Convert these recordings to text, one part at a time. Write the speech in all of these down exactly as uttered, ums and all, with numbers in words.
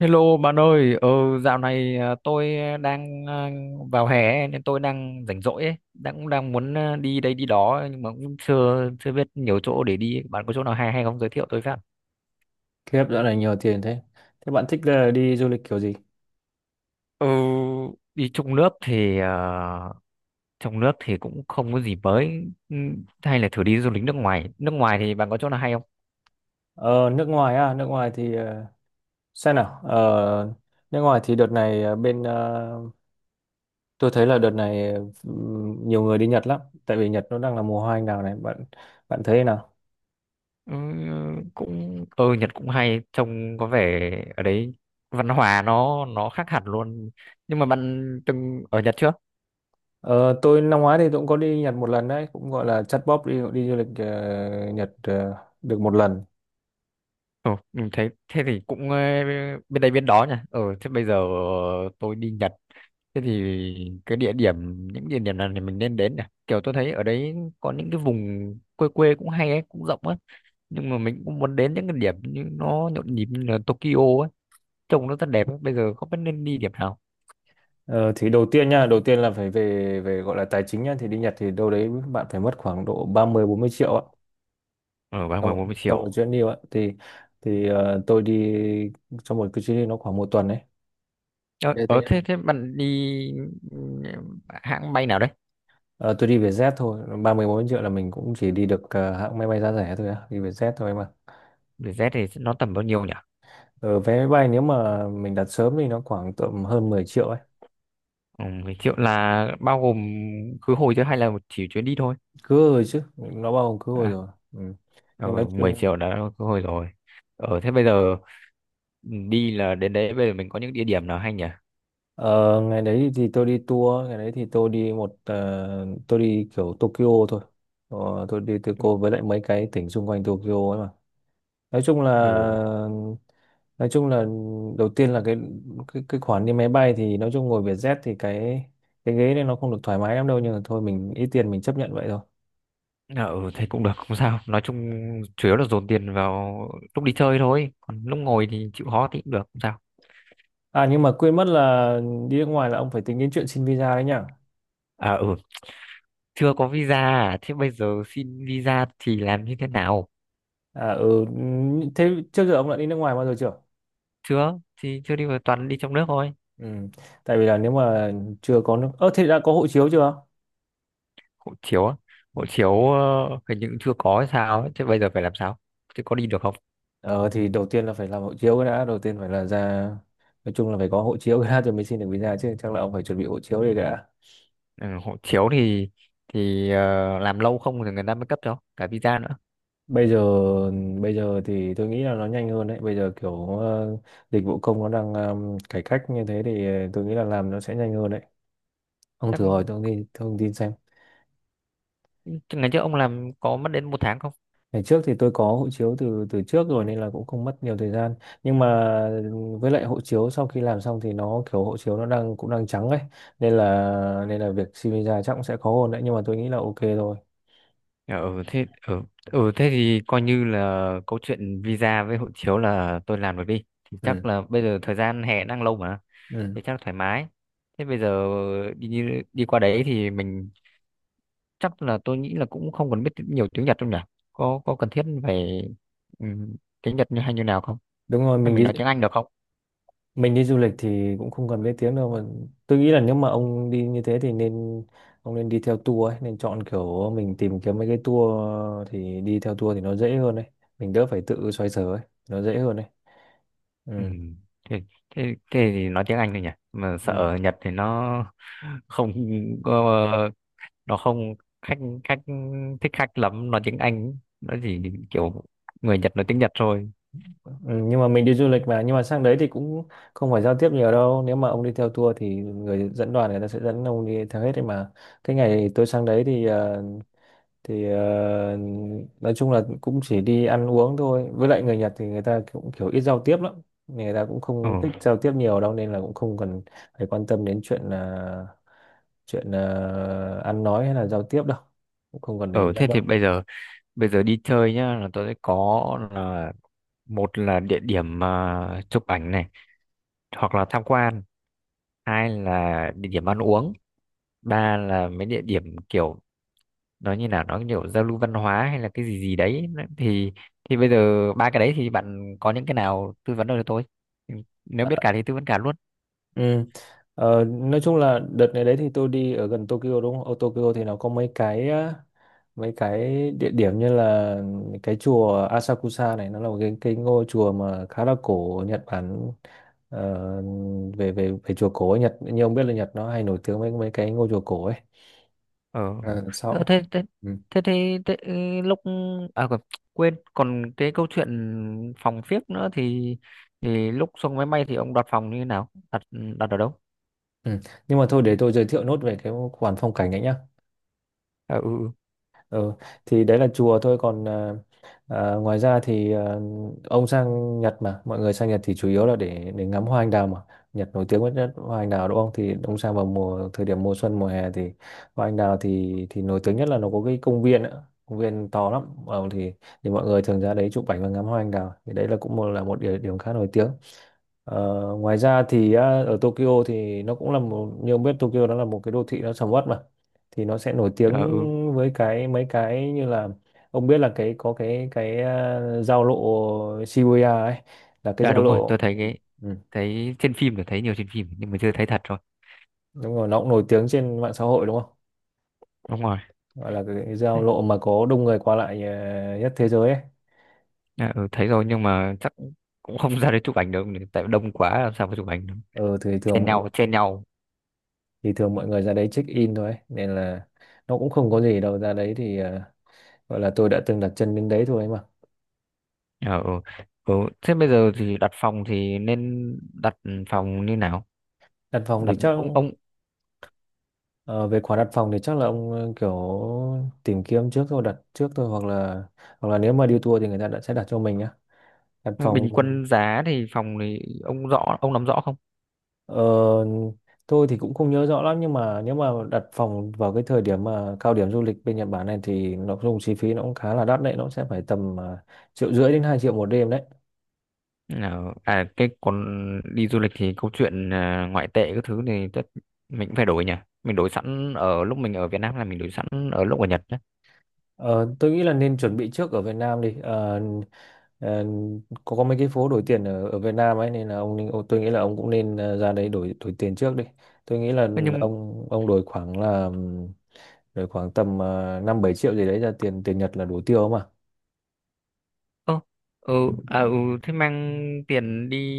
Hello bạn ơi, ờ, dạo này à, tôi đang à, vào hè nên tôi đang rảnh rỗi ấy, đang cũng đang muốn à, đi đây đi đó, nhưng mà cũng chưa chưa biết nhiều chỗ để đi. Bạn có chỗ nào hay hay không, giới thiệu tôi với. khiếp, dạo này nhiều tiền thế. Thế bạn thích là đi du lịch kiểu gì? Ừ, đi trong nước thì à, trong nước thì cũng không có gì mới. Ừ, hay là thử đi du lịch nước ngoài. Nước ngoài thì bạn có chỗ nào hay không? Ờ, nước ngoài à? Nước ngoài thì ờ, xem nào. Ờ, nước ngoài thì đợt này ờ, bên ờ, tôi thấy là đợt này ừm, nhiều người đi Nhật lắm, tại vì Nhật nó đang là mùa hoa anh đào này. Bạn bạn thấy thế nào? Ừ, cũng ờ Nhật cũng hay, trông có vẻ ở đấy văn hóa nó nó khác hẳn luôn. Nhưng mà bạn từng ở Nhật chưa? Ờ, tôi năm ngoái thì tôi cũng có đi Nhật một lần đấy, cũng gọi là chắt bóp đi đi du lịch ờ, Nhật ờ, được một lần. Ồ, mình thấy thế thì cũng ờ, bên đây bên đó nha. Ờ thế bây giờ tôi đi Nhật. Thế thì cái địa điểm những địa điểm nào thì mình nên đến nhỉ? Kiểu tôi thấy ở đấy có những cái vùng quê quê cũng hay ấy, cũng rộng ấy. Nhưng mà mình cũng muốn đến những cái điểm như nó nhộn nhịp như là Tokyo ấy, trông nó rất đẹp ấy. Bây giờ không biết nên đi điểm nào. Ờ, thì đầu tiên nha, đầu tiên là phải về về gọi là tài chính nhá, thì đi Nhật thì đâu đấy bạn phải mất khoảng độ ba mươi bốn mươi triệu ạ. Ờ, Trong ba mươi bốn mươi trong một triệu. chuyến đi ạ thì thì ờ, tôi đi trong một cái chuyến đi nó khoảng một tuần đấy. Ờ, Thế thứ ờ nhất thế này. thế bạn đi ừ, hãng bay nào đấy? Ờ, tôi đi Vietjet thôi. ba mươi bốn mươi triệu là mình cũng chỉ đi được ờ, hãng máy bay giá rẻ thôi á, đi Vietjet thôi mà. Vietjet thì nó tầm bao nhiêu nhỉ? Ờ, vé máy bay nếu mà mình đặt sớm thì nó khoảng tầm hơn mười triệu ấy. Ừ, mười triệu là bao gồm khứ hồi, chứ hay là một chỉ chuyến đi thôi? Cứ rồi chứ, nó bao gồm cứ rồi À, rồi ừ. ờ, Nhưng nói mười chung triệu đã khứ hồi rồi. Ờ, thế bây giờ ừ, đi là đến đấy bây giờ mình có những địa điểm nào hay nhỉ? ờ, ngày đấy thì tôi đi tour, ngày đấy thì tôi đi một ờ, tôi đi kiểu Tokyo thôi. Ờ, tôi đi Tokyo với lại mấy cái tỉnh xung quanh Tokyo ấy. nói chung là Ừ, nói chung là đầu tiên là cái cái cái khoản đi máy bay thì nói chung ngồi Vietjet thì cái cái ghế này nó không được thoải mái lắm đâu, nhưng mà thôi mình ít tiền mình chấp nhận vậy thôi. ừ, thế cũng được, không sao. Nói chung chủ yếu là dồn tiền vào lúc đi chơi thôi. Còn lúc ngồi thì chịu khó thì cũng được, không sao. À, nhưng mà quên mất là đi nước ngoài là ông phải tính đến chuyện xin visa đấy nhá. À, ừ, chưa có visa à? Thế bây giờ xin visa thì làm như thế nào? À ừ, thế trước giờ ông đã đi nước ngoài bao giờ chưa? Chưa, thì chưa đi, vào toàn đi trong nước thôi. Ừ, tại vì là nếu mà chưa có nước ơ thế đã có hộ chiếu chưa? Hộ chiếu á? Ừ. Hộ chiếu ờ, hình như cũng chưa có hay sao ấy. Thế bây giờ phải làm sao, thế có đi được không? ờ thì đầu tiên là phải làm hộ chiếu cái đã, đầu tiên phải là ra, nói chung là phải có hộ chiếu cái đã rồi mới xin được visa chứ, chắc là ông phải chuẩn bị hộ chiếu đi cả. Ừ, hộ chiếu thì thì ờ, làm lâu không thì người ta mới cấp cho cả visa nữa? Bây giờ bây giờ thì tôi nghĩ là nó nhanh hơn đấy, bây giờ kiểu ờ, dịch vụ công nó đang ờ, cải cách như thế thì ờ, tôi nghĩ là làm nó sẽ nhanh hơn đấy. Ông chắc thử hỏi thông tin thông tin xem. chắc ngày trước ông làm có mất đến một tháng không? Ngày trước thì tôi có hộ chiếu từ từ trước rồi nên là cũng không mất nhiều thời gian, nhưng mà với lại hộ chiếu sau khi làm xong thì nó kiểu hộ chiếu nó đang cũng đang trắng ấy, nên là nên là việc xin visa chắc cũng sẽ khó hơn đấy, nhưng mà tôi nghĩ là ok thôi. Ừ thế ừ, ừ thế thì coi như là câu chuyện visa với hộ chiếu là tôi làm được đi, thì chắc Ừ. là bây giờ thời gian hè đang lâu mà, Ừ, thì chắc thoải mái. Thế bây giờ đi đi qua đấy thì mình chắc là tôi nghĩ là cũng không cần biết nhiều tiếng Nhật đâu nhỉ? Có có cần thiết phải ừm, tiếng Nhật như hay như nào không, đúng rồi. hay mình mình đi nói tiếng Anh được không? mình đi du lịch thì cũng không cần biết tiếng đâu mà. Tôi nghĩ là nếu mà ông đi như thế thì nên ông nên đi theo tour ấy, nên chọn kiểu mình tìm kiếm mấy cái tour thì đi theo tour thì nó dễ hơn đấy, mình đỡ phải tự xoay sở ấy, nó dễ hơn đấy. Ừ. Ừ. Thế, thế, thế thì nói tiếng Anh thôi nhỉ, mà sợ Ừ. ở Nhật thì nó không có- nó không khách khách thích khách lắm nói tiếng Anh, nó chỉ kiểu người Nhật nói tiếng Nhật thôi. Ừ, nhưng mà mình đi du lịch mà, nhưng mà sang đấy thì cũng không phải giao tiếp nhiều đâu, nếu mà ông đi theo tour thì người dẫn đoàn người ta sẽ dẫn ông đi theo hết đấy mà. Cái ngày tôi sang đấy thì ờ, thì ờ, nói chung là cũng chỉ đi ăn uống thôi, với lại người Nhật thì người ta cũng kiểu ít giao tiếp lắm, người ta cũng Ừ. không thích giao tiếp nhiều đâu nên là cũng không cần phải quan tâm đến chuyện là chuyện ờ, ăn nói hay là giao tiếp đâu, cũng không cần để ý ừ lắm thế thì đâu. bây giờ bây giờ đi chơi nhá, là tôi sẽ có là: một là địa điểm mà chụp ảnh này hoặc là tham quan, hai là địa điểm ăn uống, ba là mấy địa điểm kiểu nói như nào nó kiểu giao lưu văn hóa hay là cái gì gì đấy. Nó- thì thì bây giờ ba cái đấy thì bạn có những cái nào tư vấn được cho tôi? Ừ, nếu À. biết cả thì tư vấn cả luôn. Ừ. Ờ, nói chung là đợt này đấy thì tôi đi ở gần Tokyo đúng không? Ở Tokyo thì nó có mấy cái á, mấy cái địa điểm như là cái chùa Asakusa này, nó là một cái cái ngôi chùa mà khá là cổ ở Nhật Bản. Ờ, về về về chùa cổ ở Nhật, như ông biết là Nhật nó hay nổi tiếng với mấy cái ngôi chùa cổ ấy. Ờ. Ờ, Ờ, sau. thế thế Ừ. thế thế, thế ừ, lúc à quên quên, còn cái câu chuyện phòng phiếc nữa, thì thì lúc xuống máy bay thì ông đặt phòng như thế nào, đặt đặt ở đâu? Ừ. Nhưng mà thôi, để tôi giới thiệu nốt về cái khoản phong cảnh ấy nhá. À, ừ, Ừ, thì đấy là chùa thôi, còn à, à, ngoài ra thì à, ông sang Nhật, mà mọi người sang Nhật thì chủ yếu là để để ngắm hoa anh đào mà, Nhật nổi tiếng với nhất hoa anh đào đúng không, thì ông sang vào mùa thời điểm mùa xuân mùa hè thì hoa anh đào thì thì nổi tiếng nhất là nó có cái công viên nữa, công viên to lắm ờ, thì thì mọi người thường ra đấy chụp ảnh và ngắm hoa anh đào, thì đấy là cũng một là một địa điểm khá nổi tiếng. Ờ, ngoài ra thì á, ở Tokyo thì nó cũng là một, như ông biết Tokyo nó là một cái đô thị nó sầm uất mà, thì nó sẽ nổi ừ, tiếng à, ừ. với cái mấy cái như là ông biết là cái có cái cái à, giao lộ Shibuya ấy, là cái Đã giao đúng rồi, lộ tôi thấy ừ. cái Ừ. thấy trên phim thì thấy nhiều trên phim nhưng mà chưa thấy thật. Đúng rồi, nó cũng nổi tiếng trên mạng xã hội đúng không, Đúng rồi. gọi là cái giao Đấy, lộ mà có đông người qua lại à, nhất thế giới ấy. à, ừ, thấy rồi nhưng mà chắc cũng không ra đấy chụp ảnh được, tại đông quá làm sao mà chụp ảnh được, ừ, thì thường chen mọi nhau chen nhau. thì thường mọi người ra đấy check in thôi ấy, nên là nó cũng không có gì đâu, ra đấy thì à, gọi là tôi đã từng đặt chân đến đấy thôi. Ờ, ừ. Ừ. Thế bây giờ thì đặt phòng thì nên đặt phòng như nào? Đặt phòng thì đặt chắc ông ông ờ, Về khoản đặt phòng thì chắc là ông ờ, kiểu tìm kiếm trước thôi, đặt trước thôi, hoặc là hoặc là nếu mà đi tour thì người ta đã sẽ đặt cho mình á, đặt phòng. bình quân giá thì phòng thì ông rõ ông nắm rõ không? ờ, tôi thì cũng không nhớ rõ lắm, nhưng mà nếu mà đặt phòng vào cái thời điểm mà cao điểm du lịch bên Nhật Bản này thì nó dùng chi phí nó cũng khá là đắt đấy, nó sẽ phải tầm ờ, triệu rưỡi đến hai triệu một đêm đấy. Ờ, à, cái còn đi du lịch thì câu chuyện à, ngoại tệ các thứ thì tất mình cũng phải đổi nhỉ. Mình đổi sẵn ở lúc mình ở Việt Nam là mình đổi sẵn ở lúc ở Nhật nhé. Ờ, tôi nghĩ là nên chuẩn bị trước ở Việt Nam đi. Ờ, Ờ, có có mấy cái phố đổi tiền ở ở Việt Nam ấy, nên là ông, nên- ông tôi nghĩ là ông cũng nên ờ, ra đấy đổi đổi tiền trước đi. Tôi nghĩ là Nhưng ông ông đổi khoảng là ừm, đổi khoảng tầm uh, năm bảy triệu gì đấy ra tiền tiền Nhật là đủ tiêu mà. Ơ, ừ, à, ừ, thế mang tiền đi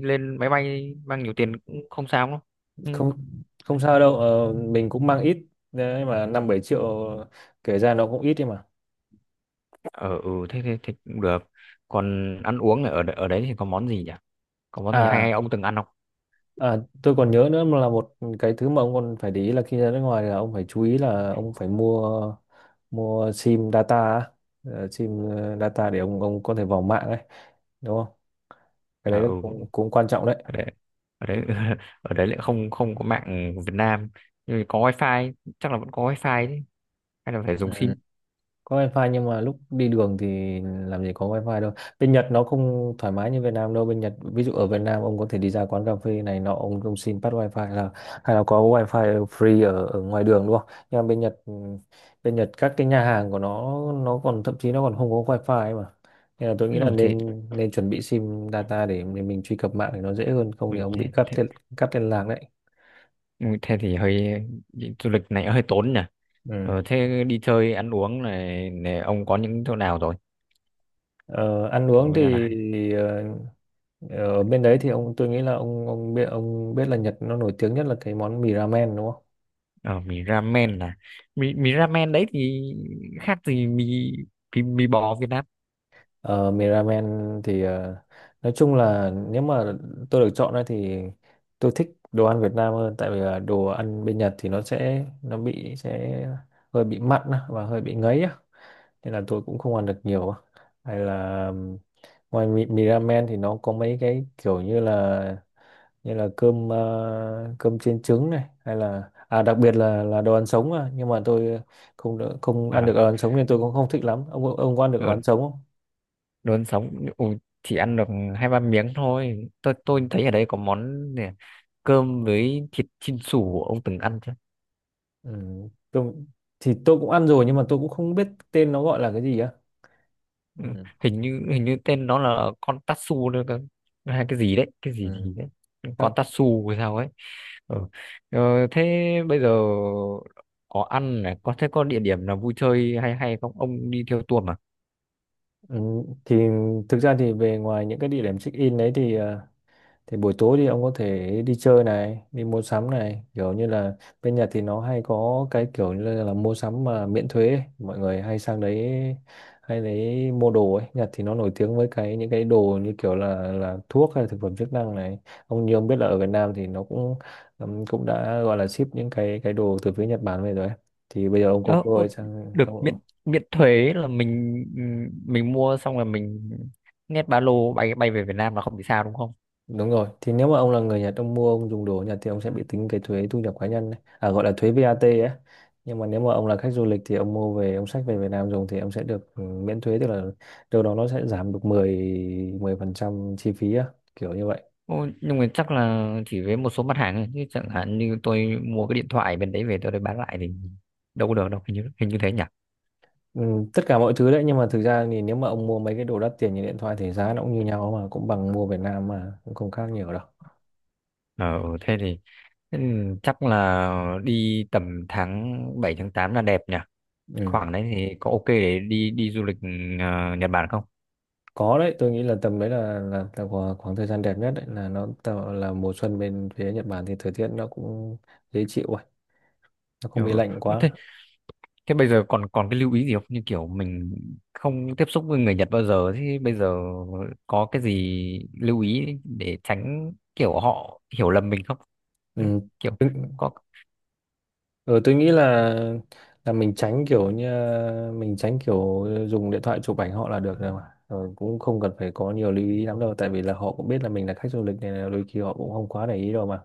lên máy bay mang nhiều tiền cũng không sao đâu. Ừ. Không, không sao đâu, ờ, mình cũng mang ít đấy mà, năm bảy triệu kể ra nó cũng ít đi mà. ờ, ừ thế, thế thế cũng được. Còn ăn uống ở đ- ở đấy thì có món gì nhỉ? Có món gì hay À. hay ông từng ăn không? À, tôi còn nhớ nữa mà, là một cái thứ mà ông còn phải để ý là khi ra nước ngoài là ông phải chú ý là ông phải mua mua sim data á. Ờ, sim ờ, data để ông ông có thể vào mạng ấy đúng không, cái À, đấy nó ừ, cũng cũng quan trọng. ở đấy ở đấy ở đấy lại không không có mạng Việt Nam, nhưng mà có wifi, chắc là vẫn có wifi đấy, hay là phải dùng Đấy, sim? có wifi nhưng mà lúc đi đường thì làm gì có wifi đâu. Bên Nhật nó không thoải mái như Việt Nam đâu, bên Nhật ví dụ ở Việt Nam ông có thể đi ra quán cà phê này nọ, ông ông xin bắt wifi, là hay là có wifi free ở ở ngoài đường đúng không, nhưng mà bên Nhật ừ, bên Nhật các cái nhà hàng của nó nó còn thậm chí nó còn không có wifi ấy mà. Nên là tôi ừ, nghĩ là thế nên nên chuẩn bị sim data để mình, mình truy cập mạng thì nó dễ hơn, không thì mình ông bị thế, cắt thế liên, cắt liên lạc đấy. Ừ, thế thì hơi đi du lịch này hơi tốn nhỉ. Ừ. Ờ, thế đi chơi ăn uống này, này ông có những chỗ nào rồi, Ờ, ăn chỗ uống như thì là... ờ, ở bên đấy thì ông tôi nghĩ là ông ông biết ông biết là Nhật nó nổi tiếng nhất là cái món mì ramen đúng không? Ờ, mì ramen là mì mì ramen đấy thì khác gì mì, mì, mì bò Việt Nam? Ờ, mì ramen thì ờ, nói chung là nếu mà tôi được chọn ấy thì tôi thích đồ ăn Việt Nam hơn, tại vì là đồ ăn bên Nhật thì nó sẽ nó bị sẽ hơi bị mặn á, và hơi bị ngấy á, nên là tôi cũng không ăn được nhiều á. Hay là ừm, ngoài mì, mì ramen thì nó có mấy cái kiểu như là như là cơm ờ, cơm chiên trứng này, hay là à đặc biệt là là đồ ăn sống à, nhưng mà tôi không đỡ- không Ờ, ăn được đồ ăn sống nên tôi cũng không thích lắm. Ông ông có ăn được đồ ờ, ăn sống không? đồ ăn sống, ừ, chỉ ăn được hai ba miếng thôi, tôi tôi thấy ở đây có món này, cơm với thịt chin sủ, ông từng ăn chưa? Ừ. tôi, thì tôi cũng ăn rồi nhưng mà tôi cũng không biết tên nó gọi là cái gì á. Ừ, Ừ. hình như hình như tên nó là con tatsu nữa cơ, hay cái gì đấy cái gì Ừ. gì đấy, con Chắc. tatsu hay sao ấy. Ừ. Ờ, thế bây giờ có ăn này, có thế có địa điểm nào vui chơi hay hay không? Ông đi theo tour mà. Ừ. Thì thực ra thì về ngoài những cái địa điểm check in đấy thì ờ, thì buổi tối thì ông có thể đi chơi này, đi mua sắm này, kiểu như là bên Nhật thì nó hay có cái kiểu như là, là mua sắm mà miễn thuế ấy, mọi người hay sang đấy hay đấy mua đồ ấy. Nhật thì nó nổi tiếng với cái những cái đồ như kiểu là là thuốc hay là thực phẩm chức năng này. Ông như ông biết là ở Việt Nam thì nó cũng ừm, cũng đã gọi là ship những cái cái đồ từ phía Nhật Bản về rồi ấy, thì bây giờ ông có Ờ, cơ ô, hội sang được miễn ông. miễn thuế là mình mình mua xong là mình nhét ba lô bay bay về Việt Nam là không bị sao đúng không? Đúng rồi, thì nếu mà ông là người Nhật, ông mua, ông dùng đồ ở Nhật thì ông sẽ bị tính cái thuế thu nhập cá nhân đấy, à, gọi là thuế vát ấy. Nhưng mà nếu mà ông là khách du lịch thì ông mua về, ông xách về Việt Nam dùng thì ông sẽ được ừ, miễn thuế, tức là đâu đó nó sẽ giảm được mười mười phần trăm chi phí á, kiểu như vậy. Ô, nhưng mà chắc là chỉ với một số mặt hàng thôi, chứ chẳng hạn như tôi mua cái điện thoại bên đấy về tôi bán lại thì đâu có được đâu, hình như hình như thế nhỉ? Ừ, tất cả mọi thứ đấy, nhưng mà thực ra thì nếu mà ông mua mấy cái đồ đắt tiền như điện thoại thì giá nó cũng như nhau mà, cũng bằng mua Việt Nam mà, cũng không khác nhiều đâu. Ờ, ừ, thế thì thế thì chắc là đi tầm tháng bảy tháng tám là đẹp nhỉ? Ừ. Khoảng đấy thì có ok để đi đi du lịch ờ, Nhật Bản không? Có đấy, tôi nghĩ là tầm đấy là là, là khoảng, khoảng thời gian đẹp nhất đấy, là nó tạo là mùa xuân bên phía Nhật Bản thì thời tiết nó cũng dễ chịu rồi, nó Ừ. không bị lạnh Thế, quá. thế bây giờ còn còn cái lưu ý gì không? Như kiểu mình không tiếp xúc với người Nhật bao giờ, thì bây giờ có cái gì lưu ý để tránh kiểu họ hiểu lầm mình không? Ừ. Kiểu Tôi, có... ừ, tôi nghĩ là là mình tránh kiểu như mình tránh kiểu dùng điện thoại chụp ảnh họ là được rồi mà, rồi cũng không cần phải có nhiều lưu ý lắm đâu, tại vì là họ cũng biết là mình là khách du lịch này, là đôi khi họ cũng không quá để ý đâu mà.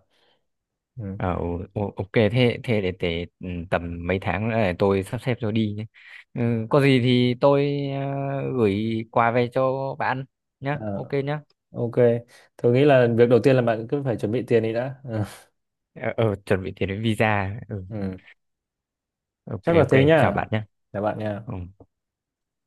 Ừ. Ờ, ừ, ừ, ok, thế thế để, để ừ, tầm mấy tháng nữa để tôi sắp xếp rồi đi nhé. Ừ, có gì thì tôi ờ, gửi quà về cho bạn nhé. Ờ, Ok nhé. ok, tôi nghĩ là việc đầu tiên là bạn cứ phải chuẩn bị tiền đi đã, ừ. Ờ, ờ, chuẩn bị tiền đến visa. Ừ. Ừ. Ok, Chắc là ok, thế chào nhá, bạn nhé. chào bạn nha. Ừ.